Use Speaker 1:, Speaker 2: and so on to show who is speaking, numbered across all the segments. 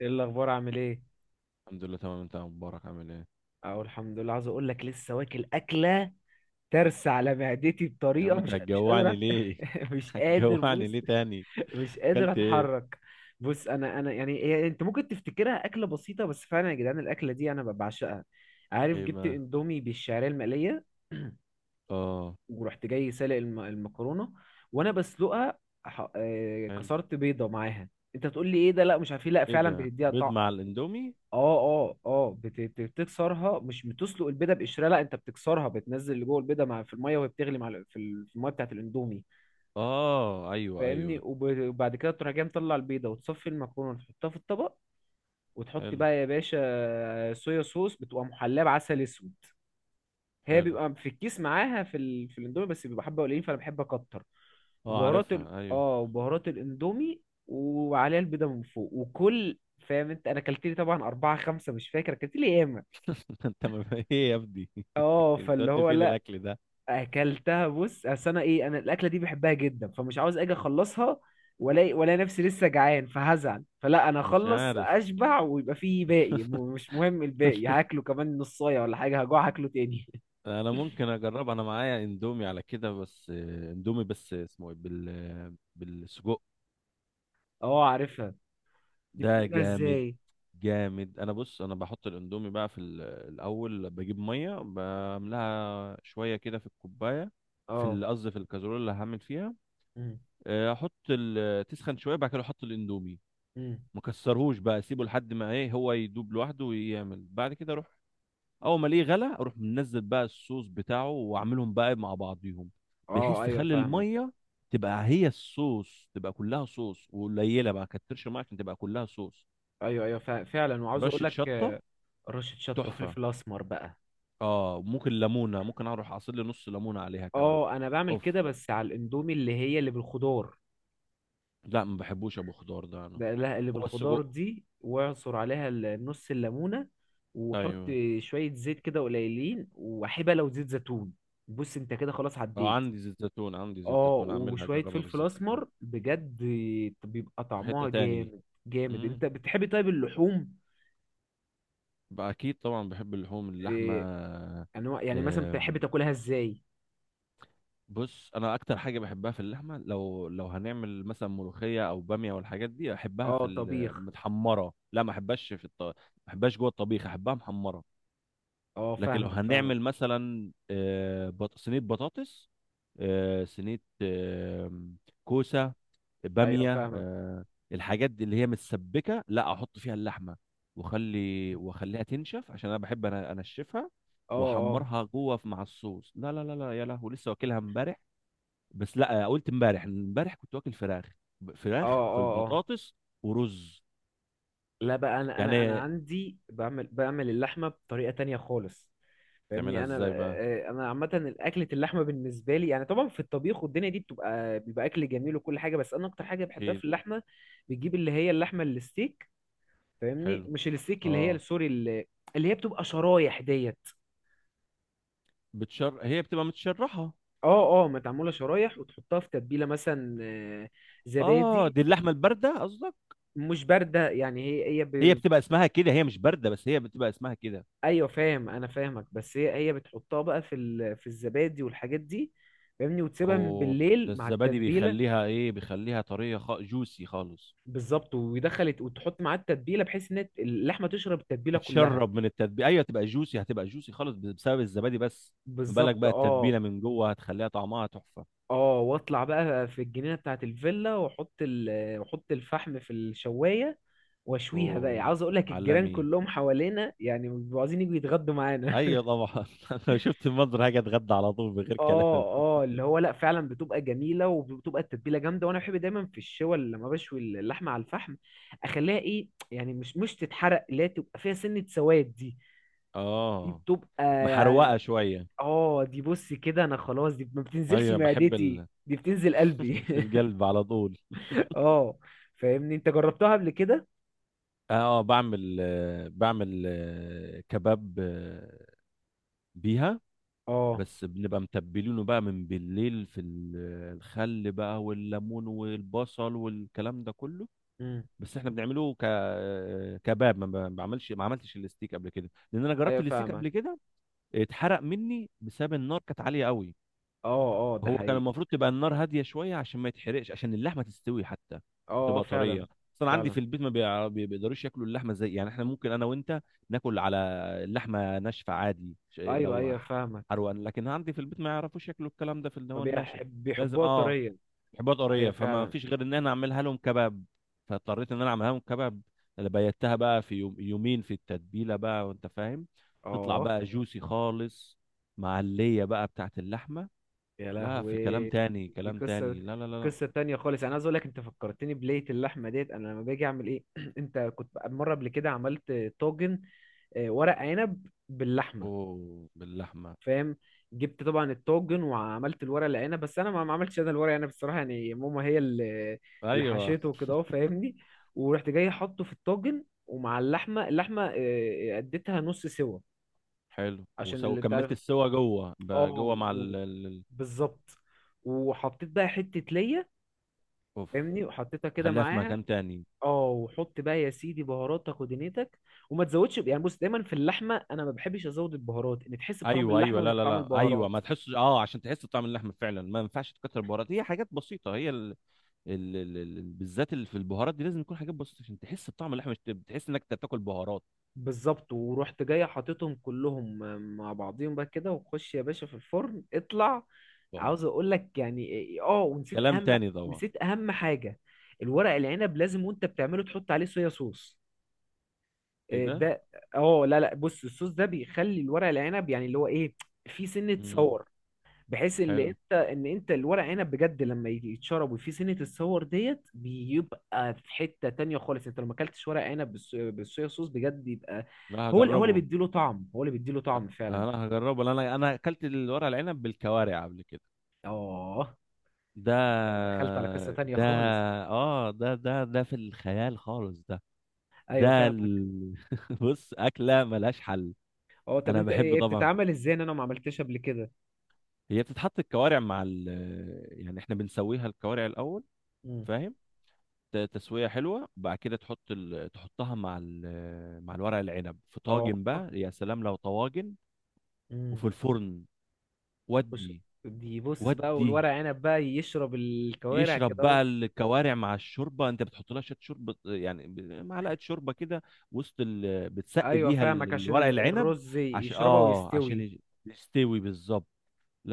Speaker 1: ايه الاخبار؟ عامل ايه؟
Speaker 2: الحمد لله، تمام. انت يا مبارك عامل ايه؟
Speaker 1: اهو الحمد لله، عاوز اقول لك لسه واكل اكله ترسى على معدتي
Speaker 2: يا عم
Speaker 1: بطريقه
Speaker 2: انت
Speaker 1: مش قادر
Speaker 2: هتجوعني ليه؟
Speaker 1: مش قادر،
Speaker 2: هتجوعني
Speaker 1: بص.
Speaker 2: ليه تاني؟
Speaker 1: مش قادر
Speaker 2: اكلت ايه؟
Speaker 1: اتحرك. بص، انا يعني هي انت ممكن تفتكرها اكله بسيطه، بس فعلا يا جدعان الاكله دي انا بعشقها. عارف،
Speaker 2: ايه
Speaker 1: جبت
Speaker 2: بقى؟
Speaker 1: اندومي بالشعريه المقليه.
Speaker 2: اه.
Speaker 1: ورحت جاي سالق المكرونه، وانا بسلقها ح... آه،
Speaker 2: حلو.
Speaker 1: كسرت بيضه معاها. انت تقول لي ايه ده؟ لا مش عارف ايه، لا
Speaker 2: ايه
Speaker 1: فعلا
Speaker 2: ده؟
Speaker 1: بتديها
Speaker 2: بيض
Speaker 1: طعم.
Speaker 2: مع الاندومي؟
Speaker 1: اه اه اه، بتكسرها. مش بتسلق البيضه بقشرها، لا انت بتكسرها، بتنزل اللي جوه البيضه مع في الميه وهي بتغلي مع ال- في ال- في الميه بتاعت الاندومي.
Speaker 2: اه، ايوه،
Speaker 1: فاهمني
Speaker 2: ايوه.
Speaker 1: وبعد كده تروح جاي مطلع البيضه وتصفي المكرونه وتحطها في الطبق. وتحط
Speaker 2: حلو،
Speaker 1: بقى يا باشا صويا صوص، بتبقى محلاه بعسل اسود. هي
Speaker 2: حلو.
Speaker 1: بيبقى في الكيس معاها في الاندومي، بس بيبقى حبه قليلين فانا بحب اكتر.
Speaker 2: اه،
Speaker 1: وبهارات ال...
Speaker 2: عارفها، ايوه.
Speaker 1: اه وبهارات الاندومي، وعليها البيضه من فوق، وكل. فاهم انت؟ انا اكلت لي طبعا اربعه خمسه، مش فاكر اكلت لي.
Speaker 2: انت ما في ايه يا ابني؟
Speaker 1: اه فاللي
Speaker 2: بتودي
Speaker 1: هو
Speaker 2: فين
Speaker 1: لا،
Speaker 2: الاكل ده؟
Speaker 1: اكلتها. بص اصل انا ايه، انا الاكله دي بحبها جدا فمش عاوز اجي اخلصها، ولا نفسي لسه جعان فهزعل، فلا انا
Speaker 2: مش
Speaker 1: اخلص
Speaker 2: عارف.
Speaker 1: اشبع ويبقى فيه باقي، مش مهم، الباقي هاكله كمان نصايه ولا حاجه، هجوع هاكله تاني.
Speaker 2: انا ممكن اجرب، انا معايا اندومي على كده بس اندومي، بس اسمه ايه، بالسجق.
Speaker 1: اه عارفها. دي
Speaker 2: ده
Speaker 1: بتعملها
Speaker 2: جامد.
Speaker 1: ازاي؟
Speaker 2: جامد. انا، بص، انا بحط الاندومي بقى في الاول، بجيب ميه بملاها شويه كده في الكوبايه. في
Speaker 1: اه.
Speaker 2: قصدي في الكازرول اللي هعمل فيها.
Speaker 1: امم.
Speaker 2: تسخن شويه بعد كده احط الاندومي.
Speaker 1: امم.
Speaker 2: ما كسرهوش بقى، اسيبه لحد ما، ايه، هو يدوب لوحده ويعمل. بعد كده اروح اول ما الاقيه غلى، اروح منزل بقى الصوص بتاعه واعملهم بقى مع بعضيهم.
Speaker 1: اه.
Speaker 2: بحيث
Speaker 1: ايوه
Speaker 2: تخلي
Speaker 1: فاهمك.
Speaker 2: الميه تبقى هي الصوص، تبقى كلها صوص. وقليله بقى كترش الميه عشان تبقى كلها صوص.
Speaker 1: ايوه ايوه فعلا، وعاوز اقول
Speaker 2: ورشه
Speaker 1: لك،
Speaker 2: شطه.
Speaker 1: رشه شطه
Speaker 2: تحفه.
Speaker 1: وفلفل اسمر بقى.
Speaker 2: اه، ممكن ليمونه، ممكن اروح اعصر لي نص ليمونه عليها كمان.
Speaker 1: اه انا بعمل
Speaker 2: اوف.
Speaker 1: كده، بس على الاندومي اللي هي اللي بالخضار،
Speaker 2: لا، ما بحبوش ابو خضار ده انا.
Speaker 1: بقلاها اللي
Speaker 2: هو
Speaker 1: بالخضار
Speaker 2: السجق؟
Speaker 1: دي واعصر عليها نص الليمونة، وحط
Speaker 2: ايوه.
Speaker 1: شوية زيت كده قليلين وحبة لو زيت زيتون. بص انت كده خلاص
Speaker 2: اه،
Speaker 1: عديت.
Speaker 2: عندي زيت زيتون، عندي زيت
Speaker 1: اه،
Speaker 2: زيتون، اعملها،
Speaker 1: وشوية
Speaker 2: اجربها
Speaker 1: فلفل
Speaker 2: بالزيت زيتون.
Speaker 1: اسمر بجد، بيبقى
Speaker 2: في حته
Speaker 1: طعمها
Speaker 2: تاني.
Speaker 1: جامد. جامد.
Speaker 2: امم.
Speaker 1: انت بتحبي طيب اللحوم؟
Speaker 2: بقى اكيد طبعا بحب اللحوم، اللحمه.
Speaker 1: إيه، انواع يعني مثلا بتحبي
Speaker 2: آم،
Speaker 1: تاكلها ازاي؟
Speaker 2: بص، انا اكتر حاجه بحبها في اللحمه، لو هنعمل مثلا ملوخيه او باميه والحاجات دي احبها
Speaker 1: اه،
Speaker 2: في
Speaker 1: طبيخ.
Speaker 2: المتحمره. لا، ما احبهاش جوه الطبيخ، احبها محمره.
Speaker 1: اه
Speaker 2: لكن لو
Speaker 1: فاهمك، فاهمك.
Speaker 2: هنعمل مثلا صينيه بطاطس، صينيه، كوسه،
Speaker 1: ايوه
Speaker 2: باميه،
Speaker 1: فاهمك.
Speaker 2: الحاجات دي اللي هي متسبكه، لا احط فيها اللحمه. واخليها تنشف، عشان انا بحب، انا انشفها
Speaker 1: اه اه
Speaker 2: واحمرها جوه مع الصوص. لا، لا، لا، لا، يا لهوي، لسه واكلها امبارح. بس لا، قلت امبارح كنت واكل فراخ،
Speaker 1: اه
Speaker 2: فراخ في
Speaker 1: اه اه.
Speaker 2: البطاطس. ورز.
Speaker 1: لا بقى، انا
Speaker 2: يعني
Speaker 1: عندي بعمل اللحمة بطريقة تانية خالص.
Speaker 2: تعملها
Speaker 1: فاهمني. انا
Speaker 2: ازاي بقى؟
Speaker 1: آه، انا عامه، الاكله اللحمه بالنسبه لي يعني طبعا في الطبيخ والدنيا دي بيبقى اكل جميل وكل حاجه، بس انا اكتر حاجه بحبها
Speaker 2: اكيد.
Speaker 1: في اللحمه. بتجيب اللي هي اللحمه الستيك. فاهمني،
Speaker 2: حلو.
Speaker 1: مش الستيك، اللي هي
Speaker 2: اه،
Speaker 1: سوري، اللي هي بتبقى شرايح ديت.
Speaker 2: هي بتبقى متشرحه.
Speaker 1: اه اه، متعموله شرايح، وتحطها في تتبيله مثلا
Speaker 2: اه،
Speaker 1: زبادي.
Speaker 2: دي اللحمه البارده قصدك؟
Speaker 1: مش بارده يعني، هي
Speaker 2: هي بتبقى اسمها كده. هي مش بارده، بس هي بتبقى اسمها كده.
Speaker 1: ايوه فاهم انا، فاهمك. بس هي بتحطها بقى في الزبادي والحاجات دي، فاهمني، وتسيبها من
Speaker 2: اوه.
Speaker 1: بالليل
Speaker 2: ده
Speaker 1: مع
Speaker 2: الزبادي
Speaker 1: التتبيله.
Speaker 2: بيخليها طريه، جوسي خالص.
Speaker 1: بالظبط، ويدخل، وتحط معاه التتبيله، بحيث ان اللحمه تشرب التتبيله كلها.
Speaker 2: تتشرب من التتبيله، ايوه، تبقى جوسي، هتبقى جوسي خالص بسبب الزبادي بس. ما بالك
Speaker 1: بالظبط
Speaker 2: بقى
Speaker 1: اه.
Speaker 2: التتبيله من جوه، هتخليها طعمها تحفه.
Speaker 1: اه، واطلع بقى في الجنينه بتاعه الفيلا واحط الفحم في الشوايه، واشويها بقى.
Speaker 2: اوه.
Speaker 1: عاوز اقول لك الجيران
Speaker 2: عالمي.
Speaker 1: كلهم حوالينا يعني بيبقوا عايزين يجوا يتغدوا معانا.
Speaker 2: ايوه، طبعا. انا لو شفت المنظر هاجي اتغدى على طول بغير
Speaker 1: اه.
Speaker 2: كلام.
Speaker 1: اه اللي هو لا، فعلا بتبقى جميله وبتبقى التتبيله جامده، وانا بحب دايما في الشوى اللي لما بشوي اللحمه على الفحم اخليها ايه يعني، مش تتحرق، اللي هي تبقى فيها سنه سواد دي. دي
Speaker 2: اه.
Speaker 1: بتبقى يعني،
Speaker 2: محروقه شويه.
Speaker 1: اه دي بص كده انا خلاص، دي ما بتنزلش
Speaker 2: ايوه، بحب
Speaker 1: معدتي،
Speaker 2: ال...
Speaker 1: دي بتنزل قلبي.
Speaker 2: في القلب على طول.
Speaker 1: اه. فاهمني، انت جربتها قبل كده؟
Speaker 2: اه، بعمل كباب بيها.
Speaker 1: اه.
Speaker 2: بس بنبقى متبلينه بقى من بالليل في الخل بقى والليمون والبصل والكلام ده كله.
Speaker 1: امم.
Speaker 2: بس احنا بنعمله ك آه، كباب. ما ب- بعملش ما عملتش الستيك قبل كده، لان انا جربت
Speaker 1: ايوه
Speaker 2: الستيك
Speaker 1: فاهمك.
Speaker 2: قبل كده، اتحرق مني بسبب النار كانت عالية قوي.
Speaker 1: اه اه ده
Speaker 2: هو كان
Speaker 1: حقيقي.
Speaker 2: المفروض تبقى النار هاديه شويه عشان ما يتحرقش، عشان اللحمه تستوي حتى
Speaker 1: اه اه
Speaker 2: وتبقى طريه.
Speaker 1: فعلا،
Speaker 2: اصلا عندي
Speaker 1: فعلا.
Speaker 2: في البيت ما بيقدروش ياكلوا اللحمه زي يعني احنا، ممكن انا وانت ناكل على اللحمه ناشفه عادي،
Speaker 1: ايوه
Speaker 2: لو
Speaker 1: ايوه فاهمك.
Speaker 2: حروقان. لكن عندي في البيت ما يعرفوش ياكلوا الكلام ده في اللي هو الناشف.
Speaker 1: فبيحب،
Speaker 2: لازم،
Speaker 1: بيحبوها
Speaker 2: اه.
Speaker 1: طريا.
Speaker 2: حبات
Speaker 1: ايوه
Speaker 2: طريه، فما
Speaker 1: فعلا.
Speaker 2: فيش غير ان انا اعملها لهم كباب. فاضطريت ان انا اعملها لهم كباب اللي بيتها بقى في يوم يومين في التتبيله بقى، وانت فاهم. تطلع
Speaker 1: اه
Speaker 2: بقى جوسي خالص، مع الليه بقى بتاعت اللحمه.
Speaker 1: يا
Speaker 2: لا، في كلام
Speaker 1: لهوي،
Speaker 2: تاني،
Speaker 1: دي
Speaker 2: كلام
Speaker 1: قصه
Speaker 2: تاني. لا، لا، لا، لا.
Speaker 1: قصه تانية خالص، انا عايز اقول لك، انت فكرتني بلية اللحمه ديت. انا لما باجي اعمل ايه انت كنت مره قبل كده عملت طاجن ورق عنب باللحمه،
Speaker 2: اوه، باللحمه.
Speaker 1: فاهم، جبت طبعا الطاجن وعملت الورق العنب. بس انا ما عملتش انا الورق العنب الصراحه، يعني ماما هي اللي
Speaker 2: ايوه،
Speaker 1: حشيته وكده اهو فاهمني. ورحت جاي حاطه في الطاجن ومع اللحمه اديتها نص سوا
Speaker 2: حلو.
Speaker 1: عشان
Speaker 2: وسو
Speaker 1: اللي انت
Speaker 2: كملت
Speaker 1: عارف.
Speaker 2: السوا جوه،
Speaker 1: اه،
Speaker 2: جوه مع.
Speaker 1: بالظبط. وحطيت بقى حته ليا،
Speaker 2: اوف.
Speaker 1: فاهمني، وحطيتها كده
Speaker 2: خليها في
Speaker 1: معاها.
Speaker 2: مكان تاني.
Speaker 1: اه، وحط بقى يا سيدي بهاراتك ودنيتك، وما تزودش يعني، بص دايما في اللحمه انا ما بحبش ازود البهارات، ان تحس بطعم
Speaker 2: ايوه، ايوه،
Speaker 1: اللحمه مش
Speaker 2: لا، لا،
Speaker 1: بطعم
Speaker 2: لا، ايوه،
Speaker 1: البهارات.
Speaker 2: ما تحسش. اه، عشان تحس بطعم اللحمه فعلا، ما ينفعش تكتر بهارات، هي حاجات بسيطه، هي بالذات. اللي في البهارات دي لازم يكون حاجات بسيطه عشان تحس بطعم اللحمه، مش بتحس انك تاكل بهارات.
Speaker 1: بالظبط، ورحت جاي حاططهم كلهم مع بعضيهم بقى كده، وخش يا باشا في الفرن، اطلع.
Speaker 2: اه،
Speaker 1: عاوز اقول لك يعني إيه- إيه، اه ونسيت
Speaker 2: كلام
Speaker 1: اهم،
Speaker 2: تاني طبعا.
Speaker 1: نسيت اهم حاجه، الورق العنب لازم وانت بتعمله تحط عليه صويا صوص.
Speaker 2: ايه
Speaker 1: إيه
Speaker 2: ده؟
Speaker 1: ده؟ اه لا لا، بص الصوص ده بيخلي الورق العنب يعني اللي هو ايه، في سنه
Speaker 2: امم.
Speaker 1: صور، بحيث ان
Speaker 2: حلو.
Speaker 1: انت ان انت الورق عنب بجد لما يجي يتشرب وفيه سنه الصور ديت، بيبقى في حته تانية خالص، انت لو ما اكلتش ورق عنب بالصويا صوص بجد يبقى،
Speaker 2: لا،
Speaker 1: هو اللي
Speaker 2: هجربه.
Speaker 1: بيديله طعم، هو اللي بيديله طعم فعلا.
Speaker 2: انا هجربه لأن انا اكلت الورق العنب بالكوارع قبل كده.
Speaker 1: اه،
Speaker 2: ده،
Speaker 1: دخلت على قصه تانية
Speaker 2: ده
Speaker 1: خالص.
Speaker 2: ده في الخيال خالص، ده.
Speaker 1: ايوه
Speaker 2: ده
Speaker 1: فاهمك.
Speaker 2: ال... بص، اكله ملهاش حل.
Speaker 1: اه، طب
Speaker 2: انا
Speaker 1: انت
Speaker 2: بحب
Speaker 1: ايه
Speaker 2: طبعا.
Speaker 1: بتتعمل ازاي؟ ان انا ما عملتهاش قبل كده.
Speaker 2: هي بتتحط الكوارع مع. يعني احنا بنسويها الكوارع الاول،
Speaker 1: امم.
Speaker 2: فاهم؟ تسويه حلوه. بعد كده تحطها مع الورق العنب في
Speaker 1: اه.
Speaker 2: طاجن بقى. يا سلام لو طواجن
Speaker 1: امم.
Speaker 2: وفي الفرن.
Speaker 1: بص،
Speaker 2: ودي
Speaker 1: دي بص بقى،
Speaker 2: ودي
Speaker 1: والورق عنب بقى يشرب الكوارع
Speaker 2: يشرب
Speaker 1: كده اهو.
Speaker 2: بقى الكوارع مع الشوربه. انت بتحط لها شويه شوربه يعني. معلقه شوربه كده بتسقي
Speaker 1: ايوه
Speaker 2: بيها
Speaker 1: فاهمك، عشان
Speaker 2: الورق العنب
Speaker 1: الرز
Speaker 2: عشان،
Speaker 1: يشربها ويستوي.
Speaker 2: يستوي، بالظبط.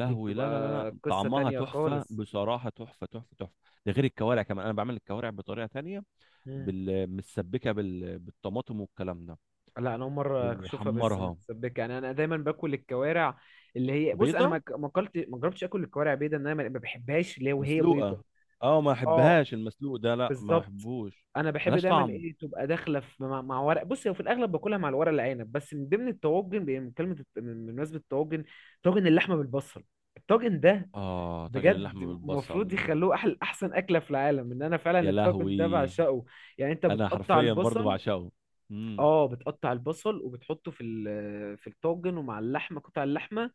Speaker 1: دي بتبقى
Speaker 2: لا، لا، لا، لا،
Speaker 1: قصة
Speaker 2: طعمها
Speaker 1: تانية
Speaker 2: تحفه
Speaker 1: خالص.
Speaker 2: بصراحه، تحفه، تحفه، تحفه. ده غير الكوارع كمان، انا بعمل الكوارع بطريقه تانية.
Speaker 1: مم.
Speaker 2: متسبكه بالطماطم والكلام ده،
Speaker 1: لا انا اول مره اشوفها بس
Speaker 2: وحمرها.
Speaker 1: متسبكه يعني، انا دايما باكل الكوارع اللي هي، بص انا
Speaker 2: بيضه
Speaker 1: ما اكلت ما جربتش اكل الكوارع بيضه، ان انا ما بحبهاش اللي هي وهي بيضه.
Speaker 2: مسلوقه. اه، ما
Speaker 1: اه،
Speaker 2: احبهاش المسلوق ده، لا، ما
Speaker 1: بالظبط.
Speaker 2: احبوش.
Speaker 1: انا بحب
Speaker 2: ملهاش
Speaker 1: دايما
Speaker 2: طعم.
Speaker 1: ايه تبقى داخله في مع ورق. بص هو في الاغلب باكلها مع الورق العنب، بس من ضمن الطواجن بي- من كلمه الت- من- بمناسبه الطواجن، طاجن اللحمه بالبصل، الطاجن ده
Speaker 2: اه، طاجن
Speaker 1: بجد
Speaker 2: اللحمه بالبصل.
Speaker 1: المفروض يخلوه احلى احسن اكله في العالم، ان انا فعلا
Speaker 2: يا
Speaker 1: الطاجن ده
Speaker 2: لهوي.
Speaker 1: بعشقه. يعني انت
Speaker 2: انا
Speaker 1: بتقطع
Speaker 2: حرفيا برضو
Speaker 1: البصل.
Speaker 2: بعشقه. امم.
Speaker 1: اه، بتقطع البصل وبتحطه في الطاجن ومع اللحمه قطع اللحمه،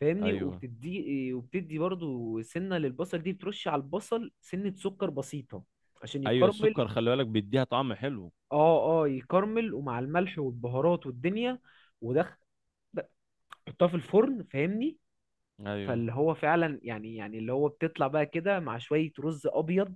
Speaker 1: فاهمني،
Speaker 2: ايوه،
Speaker 1: وبتدي برضو سنه للبصل، دي بترش على البصل سنه سكر بسيطه عشان
Speaker 2: ايوه،
Speaker 1: يكرمل.
Speaker 2: السكر خلي بالك بيديها طعم حلو.
Speaker 1: اه اه، يكرمل، ومع الملح والبهارات والدنيا، ودخل، حطها في الفرن فاهمني.
Speaker 2: ايوه.
Speaker 1: فاللي هو فعلا يعني، اللي هو بتطلع بقى كده مع شويه رز ابيض.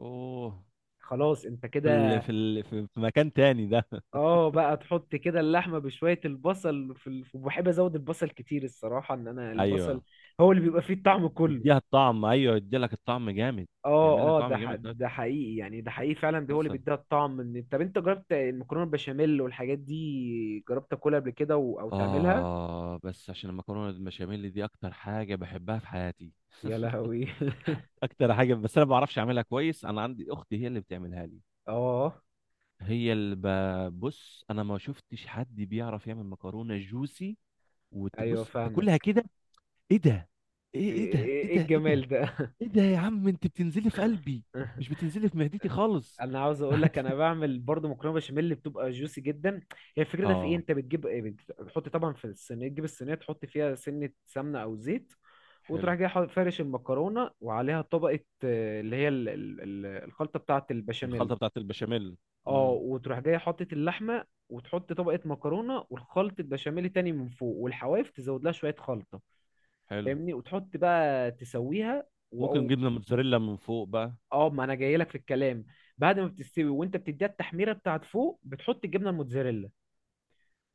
Speaker 2: اوه.
Speaker 1: خلاص انت
Speaker 2: في ال...
Speaker 1: كده.
Speaker 2: في ال... في في مكان تاني ده.
Speaker 1: اه، بقى تحط كده اللحمه بشويه البصل وبحب ازود البصل كتير الصراحه، ان انا البصل
Speaker 2: ايوه،
Speaker 1: هو اللي بيبقى فيه الطعم كله.
Speaker 2: بيديها الطعم، ايوه، يدي لك الطعم جامد. يعمل لك
Speaker 1: اه اه،
Speaker 2: طعم جامد.
Speaker 1: ده حقيقي يعني، ده حقيقي فعلا، ده هو اللي
Speaker 2: حسن.
Speaker 1: بيديها الطعم. ان طب انت جربت المكرونه البشاميل والحاجات دي، جربت تاكلها قبل كده او تعملها؟
Speaker 2: اه، بس عشان المكرونه البشاميل دي اكتر حاجه بحبها في حياتي.
Speaker 1: يا لهوي.
Speaker 2: اكتر حاجه، بس انا ما بعرفش اعملها كويس، انا عندي اختي هي اللي بتعملها لي.
Speaker 1: اه،
Speaker 2: هي اللي بص، انا ما شفتش حد بيعرف يعمل مكرونه جوسي
Speaker 1: ايوه
Speaker 2: وتبص تاكلها
Speaker 1: فاهمك.
Speaker 2: كده. ايه ده؟
Speaker 1: ايه
Speaker 2: ايه ده، ايه
Speaker 1: إيه
Speaker 2: ده، ايه ده،
Speaker 1: الجمال ده؟
Speaker 2: ايه ده، يا عم انت بتنزلي في قلبي، مش بتنزلي في معدتي خالص.
Speaker 1: انا عاوز اقول لك، انا بعمل برضو مكرونه بشاميل اللي بتبقى جوسي جدا. هي الفكره ده في ايه،
Speaker 2: اه،
Speaker 1: انت بتجيب إيه؟ بتحط طبعا في الصينيه، تجيب الصينيه تحط فيها سنه سمنه او زيت،
Speaker 2: حلو.
Speaker 1: وتروح جاي فارش المكرونه وعليها طبقه اللي هي الخلطه بتاعه البشاميل.
Speaker 2: الخلطة بتاعت البشاميل.
Speaker 1: اه،
Speaker 2: امم.
Speaker 1: وتروح جاي حاطط اللحمه وتحط طبقه مكرونه والخلطه بشاميل تاني من فوق، والحواف تزود لها شويه خلطه،
Speaker 2: حلو.
Speaker 1: فاهمني، وتحط بقى تسويها.
Speaker 2: ممكن جبنة موتزاريلا من فوق بقى.
Speaker 1: اه، ما انا جاي لك في الكلام، بعد ما بتستوي وانت بتديها التحميره بتاعت فوق بتحط الجبنه الموتزاريلا،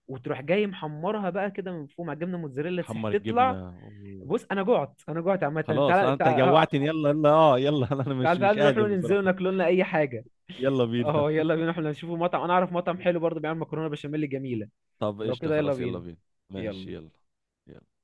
Speaker 1: وتروح جاي محمرها بقى كده من فوق مع الجبنه الموتزاريلا تسيح
Speaker 2: تحمر
Speaker 1: تطلع.
Speaker 2: الجبنة، أوه.
Speaker 1: بص انا جعت، انا جعت عامه، تعال
Speaker 2: خلاص،
Speaker 1: تعال
Speaker 2: انت جوعتني، يلا، يلا، اه، يلا. انا
Speaker 1: تعال تعال
Speaker 2: مش
Speaker 1: نروح
Speaker 2: قادر بصراحة.
Speaker 1: ننزل ناكل لنا اي حاجه.
Speaker 2: يلا بينا.
Speaker 1: اه يلا بينا، احنا نشوفوا مطعم، انا اعرف مطعم حلو برضه بيعمل مكرونه بشاميل جميله.
Speaker 2: طب،
Speaker 1: لو
Speaker 2: قشطة،
Speaker 1: كده يلا
Speaker 2: خلاص، يلا
Speaker 1: بينا.
Speaker 2: بينا. ماشي،
Speaker 1: يلا.
Speaker 2: يلا. يلا.